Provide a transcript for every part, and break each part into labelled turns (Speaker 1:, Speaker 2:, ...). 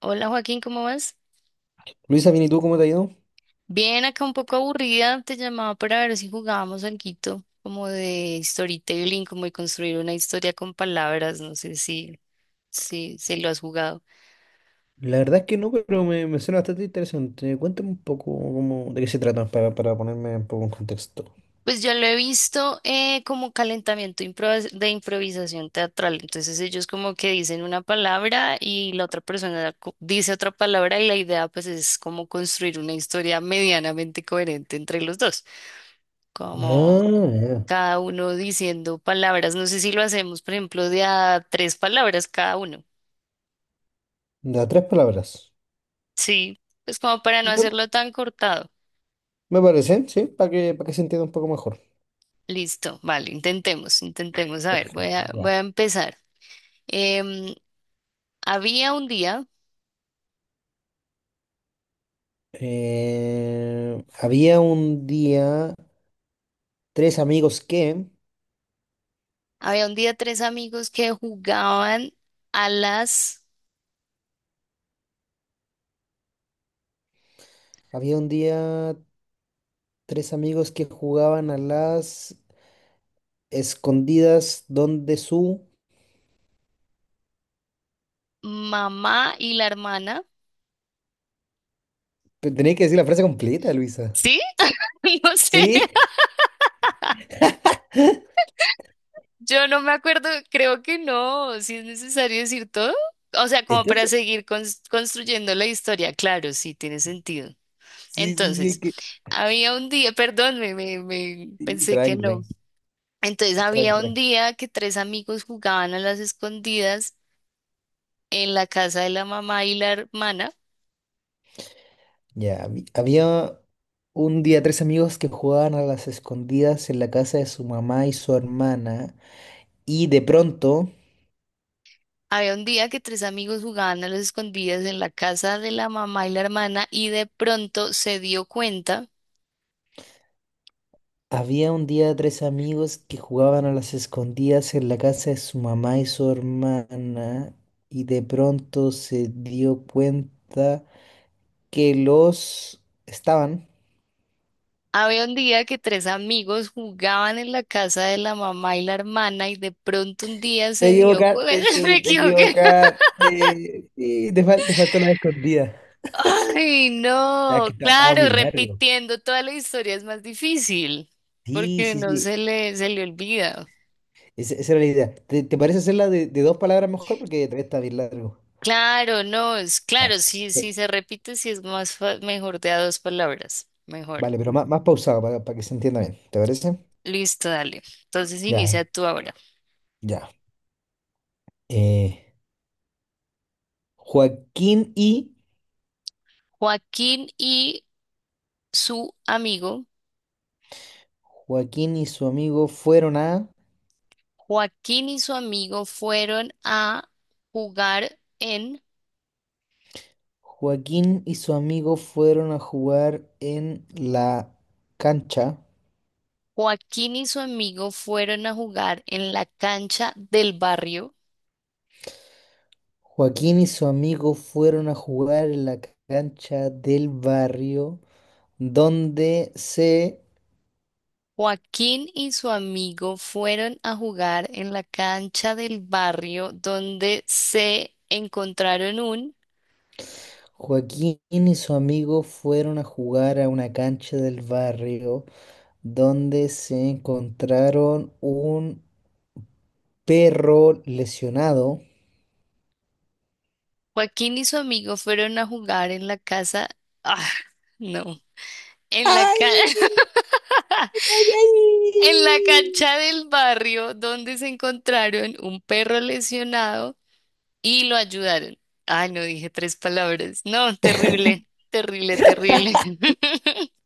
Speaker 1: Hola Joaquín, ¿cómo vas?
Speaker 2: Luisa, bien, ¿y tú cómo te ha ido?
Speaker 1: Bien, acá un poco aburrida, te llamaba para ver si jugábamos algo como de storytelling, como de construir una historia con palabras, no sé si lo has jugado.
Speaker 2: La verdad es que no, pero me suena bastante interesante. Cuéntame un poco cómo, de qué se trata para ponerme un poco en contexto.
Speaker 1: Pues yo lo he visto como calentamiento de improvisación teatral, entonces ellos como que dicen una palabra y la otra persona dice otra palabra y la idea pues es como construir una historia medianamente coherente entre los dos, como
Speaker 2: Ah, ya.
Speaker 1: cada uno diciendo palabras. No sé si lo hacemos, por ejemplo, de a tres palabras cada uno.
Speaker 2: De tres palabras.
Speaker 1: Sí, pues como para no
Speaker 2: Bueno,
Speaker 1: hacerlo tan cortado.
Speaker 2: me parece, sí, para que se entienda un poco mejor.
Speaker 1: Listo, vale, intentemos, intentemos. A ver, voy
Speaker 2: Perfecto,
Speaker 1: a, voy
Speaker 2: ya.
Speaker 1: a empezar. Em, Había un día,
Speaker 2: Había un día tres amigos
Speaker 1: había un día tres amigos que jugaban a las
Speaker 2: había un día tres amigos que jugaban a las escondidas donde su...
Speaker 1: mamá y la hermana.
Speaker 2: Tenía que decir la frase completa, Luisa.
Speaker 1: ¿Sí? No sé.
Speaker 2: ¿Sí?
Speaker 1: Yo no me acuerdo, creo que no, si es necesario decir todo. O sea, como
Speaker 2: ¿Estás
Speaker 1: para seguir construyendo la historia, claro, sí, tiene sentido.
Speaker 2: sí, sí, sí,
Speaker 1: Entonces,
Speaker 2: es que...
Speaker 1: había un día, perdón, me
Speaker 2: sí,
Speaker 1: pensé que
Speaker 2: tranqui,
Speaker 1: no. Entonces, había un
Speaker 2: tranqui.
Speaker 1: día que tres amigos jugaban a las escondidas en la casa de la mamá y la hermana.
Speaker 2: Ya, había un día tres amigos que jugaban a las escondidas en la casa de su mamá y su hermana, y de pronto
Speaker 1: Había un día que tres amigos jugaban a las escondidas en la casa de la mamá y la hermana y de pronto se dio cuenta.
Speaker 2: había un día tres amigos que jugaban a las escondidas en la casa de su mamá y su hermana, y de pronto se dio cuenta que los estaban...
Speaker 1: Había un día que tres amigos jugaban en la casa de la mamá y la hermana y de pronto un día
Speaker 2: Te
Speaker 1: se dio cuenta,
Speaker 2: equivocaste,
Speaker 1: me
Speaker 2: te
Speaker 1: equivoqué.
Speaker 2: equivocaste, sí, te faltó la escondida.
Speaker 1: Ay,
Speaker 2: Ya
Speaker 1: no,
Speaker 2: que estaba muy
Speaker 1: claro,
Speaker 2: largo.
Speaker 1: repitiendo toda la historia es más difícil
Speaker 2: Sí,
Speaker 1: porque
Speaker 2: sí,
Speaker 1: no se
Speaker 2: sí.
Speaker 1: le, se le olvida.
Speaker 2: Esa era la idea. ¿Te parece hacerla de dos palabras mejor? Porque todavía está bien largo.
Speaker 1: Claro, no, es
Speaker 2: Ya.
Speaker 1: claro, sí, sí se repite, sí es más mejor de a dos palabras, mejor.
Speaker 2: Vale, pero más pausado para que se entienda bien. ¿Te parece?
Speaker 1: Listo, dale. Entonces
Speaker 2: Ya,
Speaker 1: inicia tú ahora.
Speaker 2: ya. Eh, Joaquín y
Speaker 1: Joaquín y su amigo.
Speaker 2: Joaquín y su amigo fueron a
Speaker 1: Joaquín y su amigo fueron a jugar en.
Speaker 2: Joaquín y su amigo fueron a jugar en la cancha.
Speaker 1: Joaquín y su amigo fueron a jugar en la cancha del barrio.
Speaker 2: Joaquín y su amigo fueron a jugar en la cancha del barrio donde se
Speaker 1: Joaquín y su amigo fueron a jugar en la cancha del barrio donde se encontraron un.
Speaker 2: Joaquín y su amigo fueron a jugar a una cancha del barrio donde se encontraron un perro lesionado.
Speaker 1: Joaquín y su amigo fueron a jugar en la casa. Ah, no. En la cancha.
Speaker 2: ¡Ay, ay, ay!
Speaker 1: En la cancha del barrio donde se encontraron un perro lesionado y lo ayudaron. Ay, no dije tres palabras. No, terrible, terrible, terrible.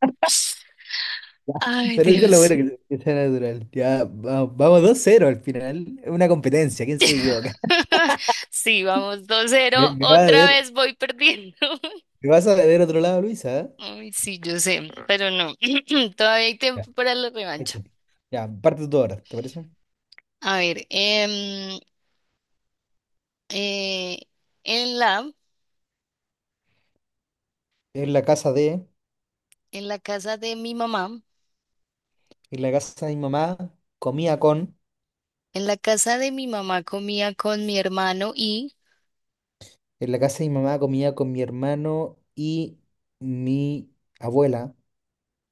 Speaker 1: Ay,
Speaker 2: Pero eso es lo
Speaker 1: Dios.
Speaker 2: bueno que sea natural. Ya, vamos 2-0 al final. Es una competencia, ¿quién se equivoca?
Speaker 1: Sí, vamos, dos
Speaker 2: Me,
Speaker 1: cero
Speaker 2: me vas a
Speaker 1: Otra
Speaker 2: ver,
Speaker 1: vez voy perdiendo.
Speaker 2: me vas a ver otro lado, Luisa. ¿Eh?
Speaker 1: Ay, sí, yo sé, pero no. Todavía hay
Speaker 2: Ya,
Speaker 1: tiempo para la
Speaker 2: ahí
Speaker 1: revancha.
Speaker 2: te- ya, parte tú ahora, ¿te parece?
Speaker 1: A ver, eh, en la,
Speaker 2: En la casa de,
Speaker 1: en la casa de mi mamá,
Speaker 2: en la casa de mi mamá, comía con.
Speaker 1: en la casa de mi mamá comía con mi hermano y.
Speaker 2: En la casa de mi mamá comía con mi hermano y mi abuela.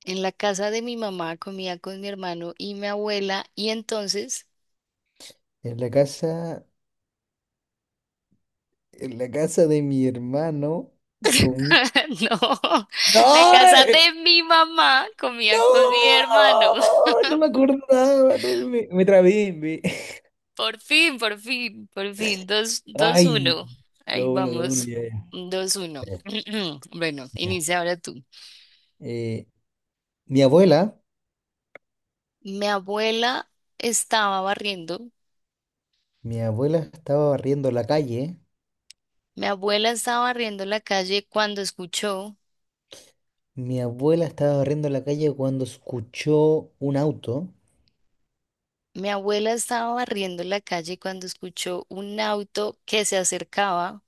Speaker 1: En la casa de mi mamá comía con mi hermano y mi abuela y entonces,
Speaker 2: En la casa, en la casa de mi hermano comía...
Speaker 1: no, la
Speaker 2: ¡No!
Speaker 1: casa de mi mamá comía con mi hermano.
Speaker 2: ¡No! No me acordaba, no, me trabé. Me-
Speaker 1: Por fin, por fin, por fin, dos, dos,
Speaker 2: Ay,
Speaker 1: uno. Ahí
Speaker 2: no, bueno, no, bueno,
Speaker 1: vamos,
Speaker 2: ya, ya.
Speaker 1: 2-1.
Speaker 2: Ya,
Speaker 1: Bueno,
Speaker 2: ya.
Speaker 1: inicia ahora tú.
Speaker 2: Eh, mi abuela,
Speaker 1: Mi abuela estaba barriendo,
Speaker 2: mi abuela estaba barriendo la calle.
Speaker 1: mi abuela estaba barriendo la calle cuando escuchó,
Speaker 2: Mi abuela estaba barriendo la calle cuando escuchó un auto.
Speaker 1: mi abuela estaba barriendo la calle cuando escuchó un auto que se acercaba.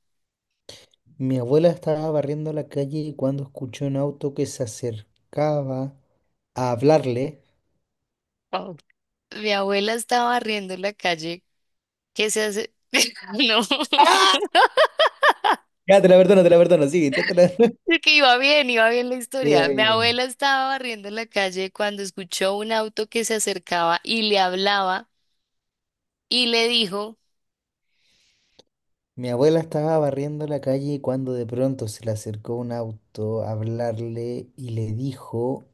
Speaker 2: Mi abuela estaba barriendo la calle cuando escuchó un auto que se acercaba a hablarle.
Speaker 1: Oh. Mi abuela estaba barriendo la calle. ¿Qué se hace? No.
Speaker 2: Ya, te la perdono, sigue, inténtala.
Speaker 1: Es que iba bien la
Speaker 2: Diga,
Speaker 1: historia. Mi
Speaker 2: diga, diga.
Speaker 1: abuela estaba barriendo la calle cuando escuchó un auto que se acercaba y le hablaba y le dijo
Speaker 2: Mi abuela estaba barriendo la calle cuando de pronto se le acercó un auto a hablarle y le dijo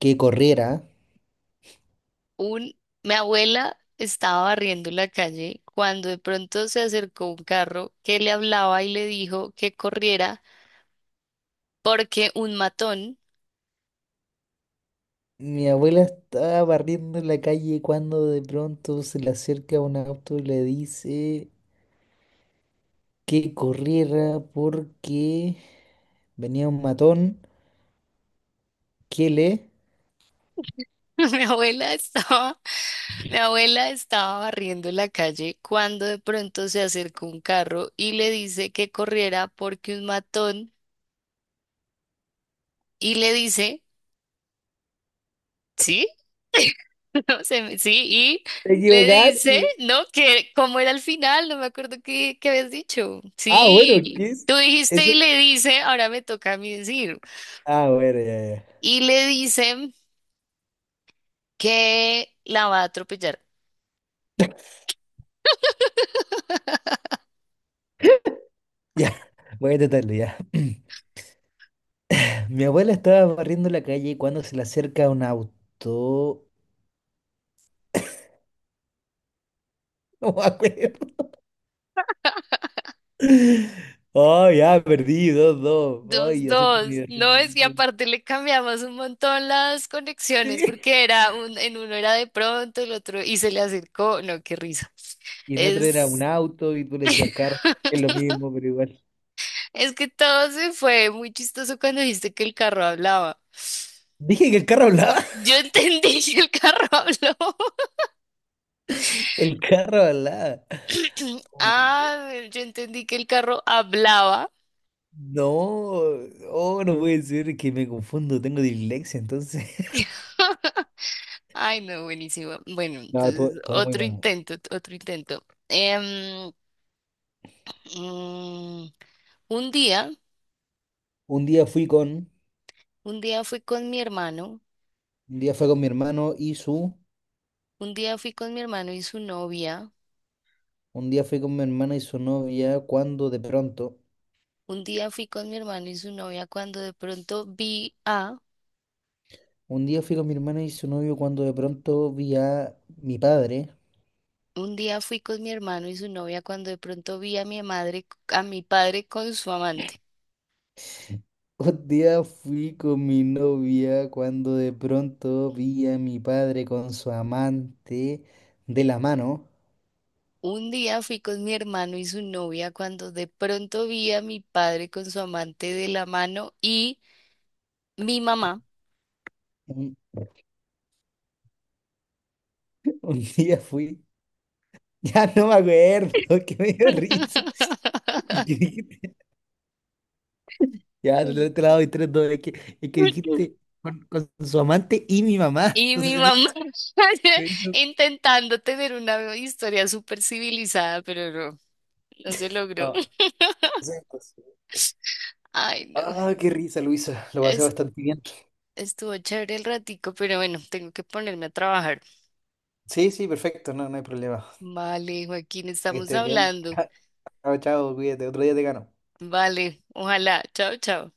Speaker 2: que corriera.
Speaker 1: un... Mi abuela estaba barriendo la calle cuando de pronto se acercó un carro que le hablaba y le dijo que corriera porque un matón.
Speaker 2: Mi abuela estaba barriendo la calle cuando de pronto se le acerca un auto y le dice que corriera porque venía un matón que le...
Speaker 1: Mi abuela estaba, mi abuela estaba barriendo la calle cuando de pronto se acercó un carro y le dice que corriera porque un matón y le dice, ¿sí? No sé, sí, y
Speaker 2: Te
Speaker 1: le dice,
Speaker 2: equivocaste.
Speaker 1: ¿no? Que como era el final, no me acuerdo qué, qué habías dicho.
Speaker 2: Ah, bueno,
Speaker 1: Sí,
Speaker 2: ¿qué es?
Speaker 1: tú dijiste
Speaker 2: Eso.
Speaker 1: y le dice, ahora me toca a mí decir.
Speaker 2: Ah, bueno, ya, ya.
Speaker 1: Y le dice que la va a atropellar.
Speaker 2: Ya, voy a intentarlo, ya. Mi abuela estaba barriendo la calle cuando se le acerca un auto. No me acuerdo. Oh, ya, perdí, 2-2.
Speaker 1: Dos,
Speaker 2: Ay, acepto mi
Speaker 1: dos.
Speaker 2: error.
Speaker 1: No, es que aparte le cambiamos un montón las conexiones
Speaker 2: Sí.
Speaker 1: porque era un, en uno era de pronto, el otro y se le acercó. No, qué risa.
Speaker 2: Y en otro era un
Speaker 1: Es,
Speaker 2: auto y tú le decías carro, que es lo mismo, pero igual.
Speaker 1: es que todo se fue muy chistoso cuando dijiste que el carro hablaba.
Speaker 2: Dije que el carro hablaba.
Speaker 1: Yo entendí que el carro habló.
Speaker 2: El carro hablaba. Oh my God.
Speaker 1: Ah, bueno, yo entendí que el carro hablaba.
Speaker 2: No, oh, no puede ser que me confundo, tengo dislexia, entonces.
Speaker 1: Ay, no, buenísimo. Bueno,
Speaker 2: No, todo,
Speaker 1: entonces
Speaker 2: todo muy
Speaker 1: otro
Speaker 2: bueno.
Speaker 1: intento, otro intento. Mm, Un día,
Speaker 2: Un día fui con,
Speaker 1: un día fui con mi hermano,
Speaker 2: un día fue con mi hermano y su,
Speaker 1: un día fui con mi hermano y su novia,
Speaker 2: un día fui con mi hermana y su novia cuando de pronto,
Speaker 1: un día fui con mi hermano y su novia cuando de pronto vi a,
Speaker 2: un día fui con mi hermana y su novio cuando de pronto vi a mi padre.
Speaker 1: un día fui con mi hermano y su novia cuando de pronto vi a mi madre, a mi padre con su amante.
Speaker 2: Un día fui con mi novia cuando de pronto vi a mi padre con su amante de la mano.
Speaker 1: Un día fui con mi hermano y su novia cuando de pronto vi a mi padre con su amante de la mano y mi mamá.
Speaker 2: Un, un día fui, ya no me acuerdo, que me dio risa. Ya, te la doy 3-2. Es que dijiste con su amante y mi mamá.
Speaker 1: Y
Speaker 2: Entonces
Speaker 1: mi mamá
Speaker 2: se me hizo.
Speaker 1: intentando tener una historia súper civilizada, pero no, no se logró.
Speaker 2: No, eso es imposible.
Speaker 1: Ay, no.
Speaker 2: Ah, qué risa, Luisa. Lo pasé
Speaker 1: Es-
Speaker 2: bastante bien.
Speaker 1: estuvo chévere el ratico, pero bueno, tengo que ponerme a trabajar.
Speaker 2: Sí, sí, perfecto. No, no hay problema.
Speaker 1: Vale, Joaquín,
Speaker 2: Que
Speaker 1: estamos
Speaker 2: estés bien.
Speaker 1: hablando.
Speaker 2: Chao, chao, cuídate. Otro día te gano.
Speaker 1: Vale, ojalá. Chao, chao.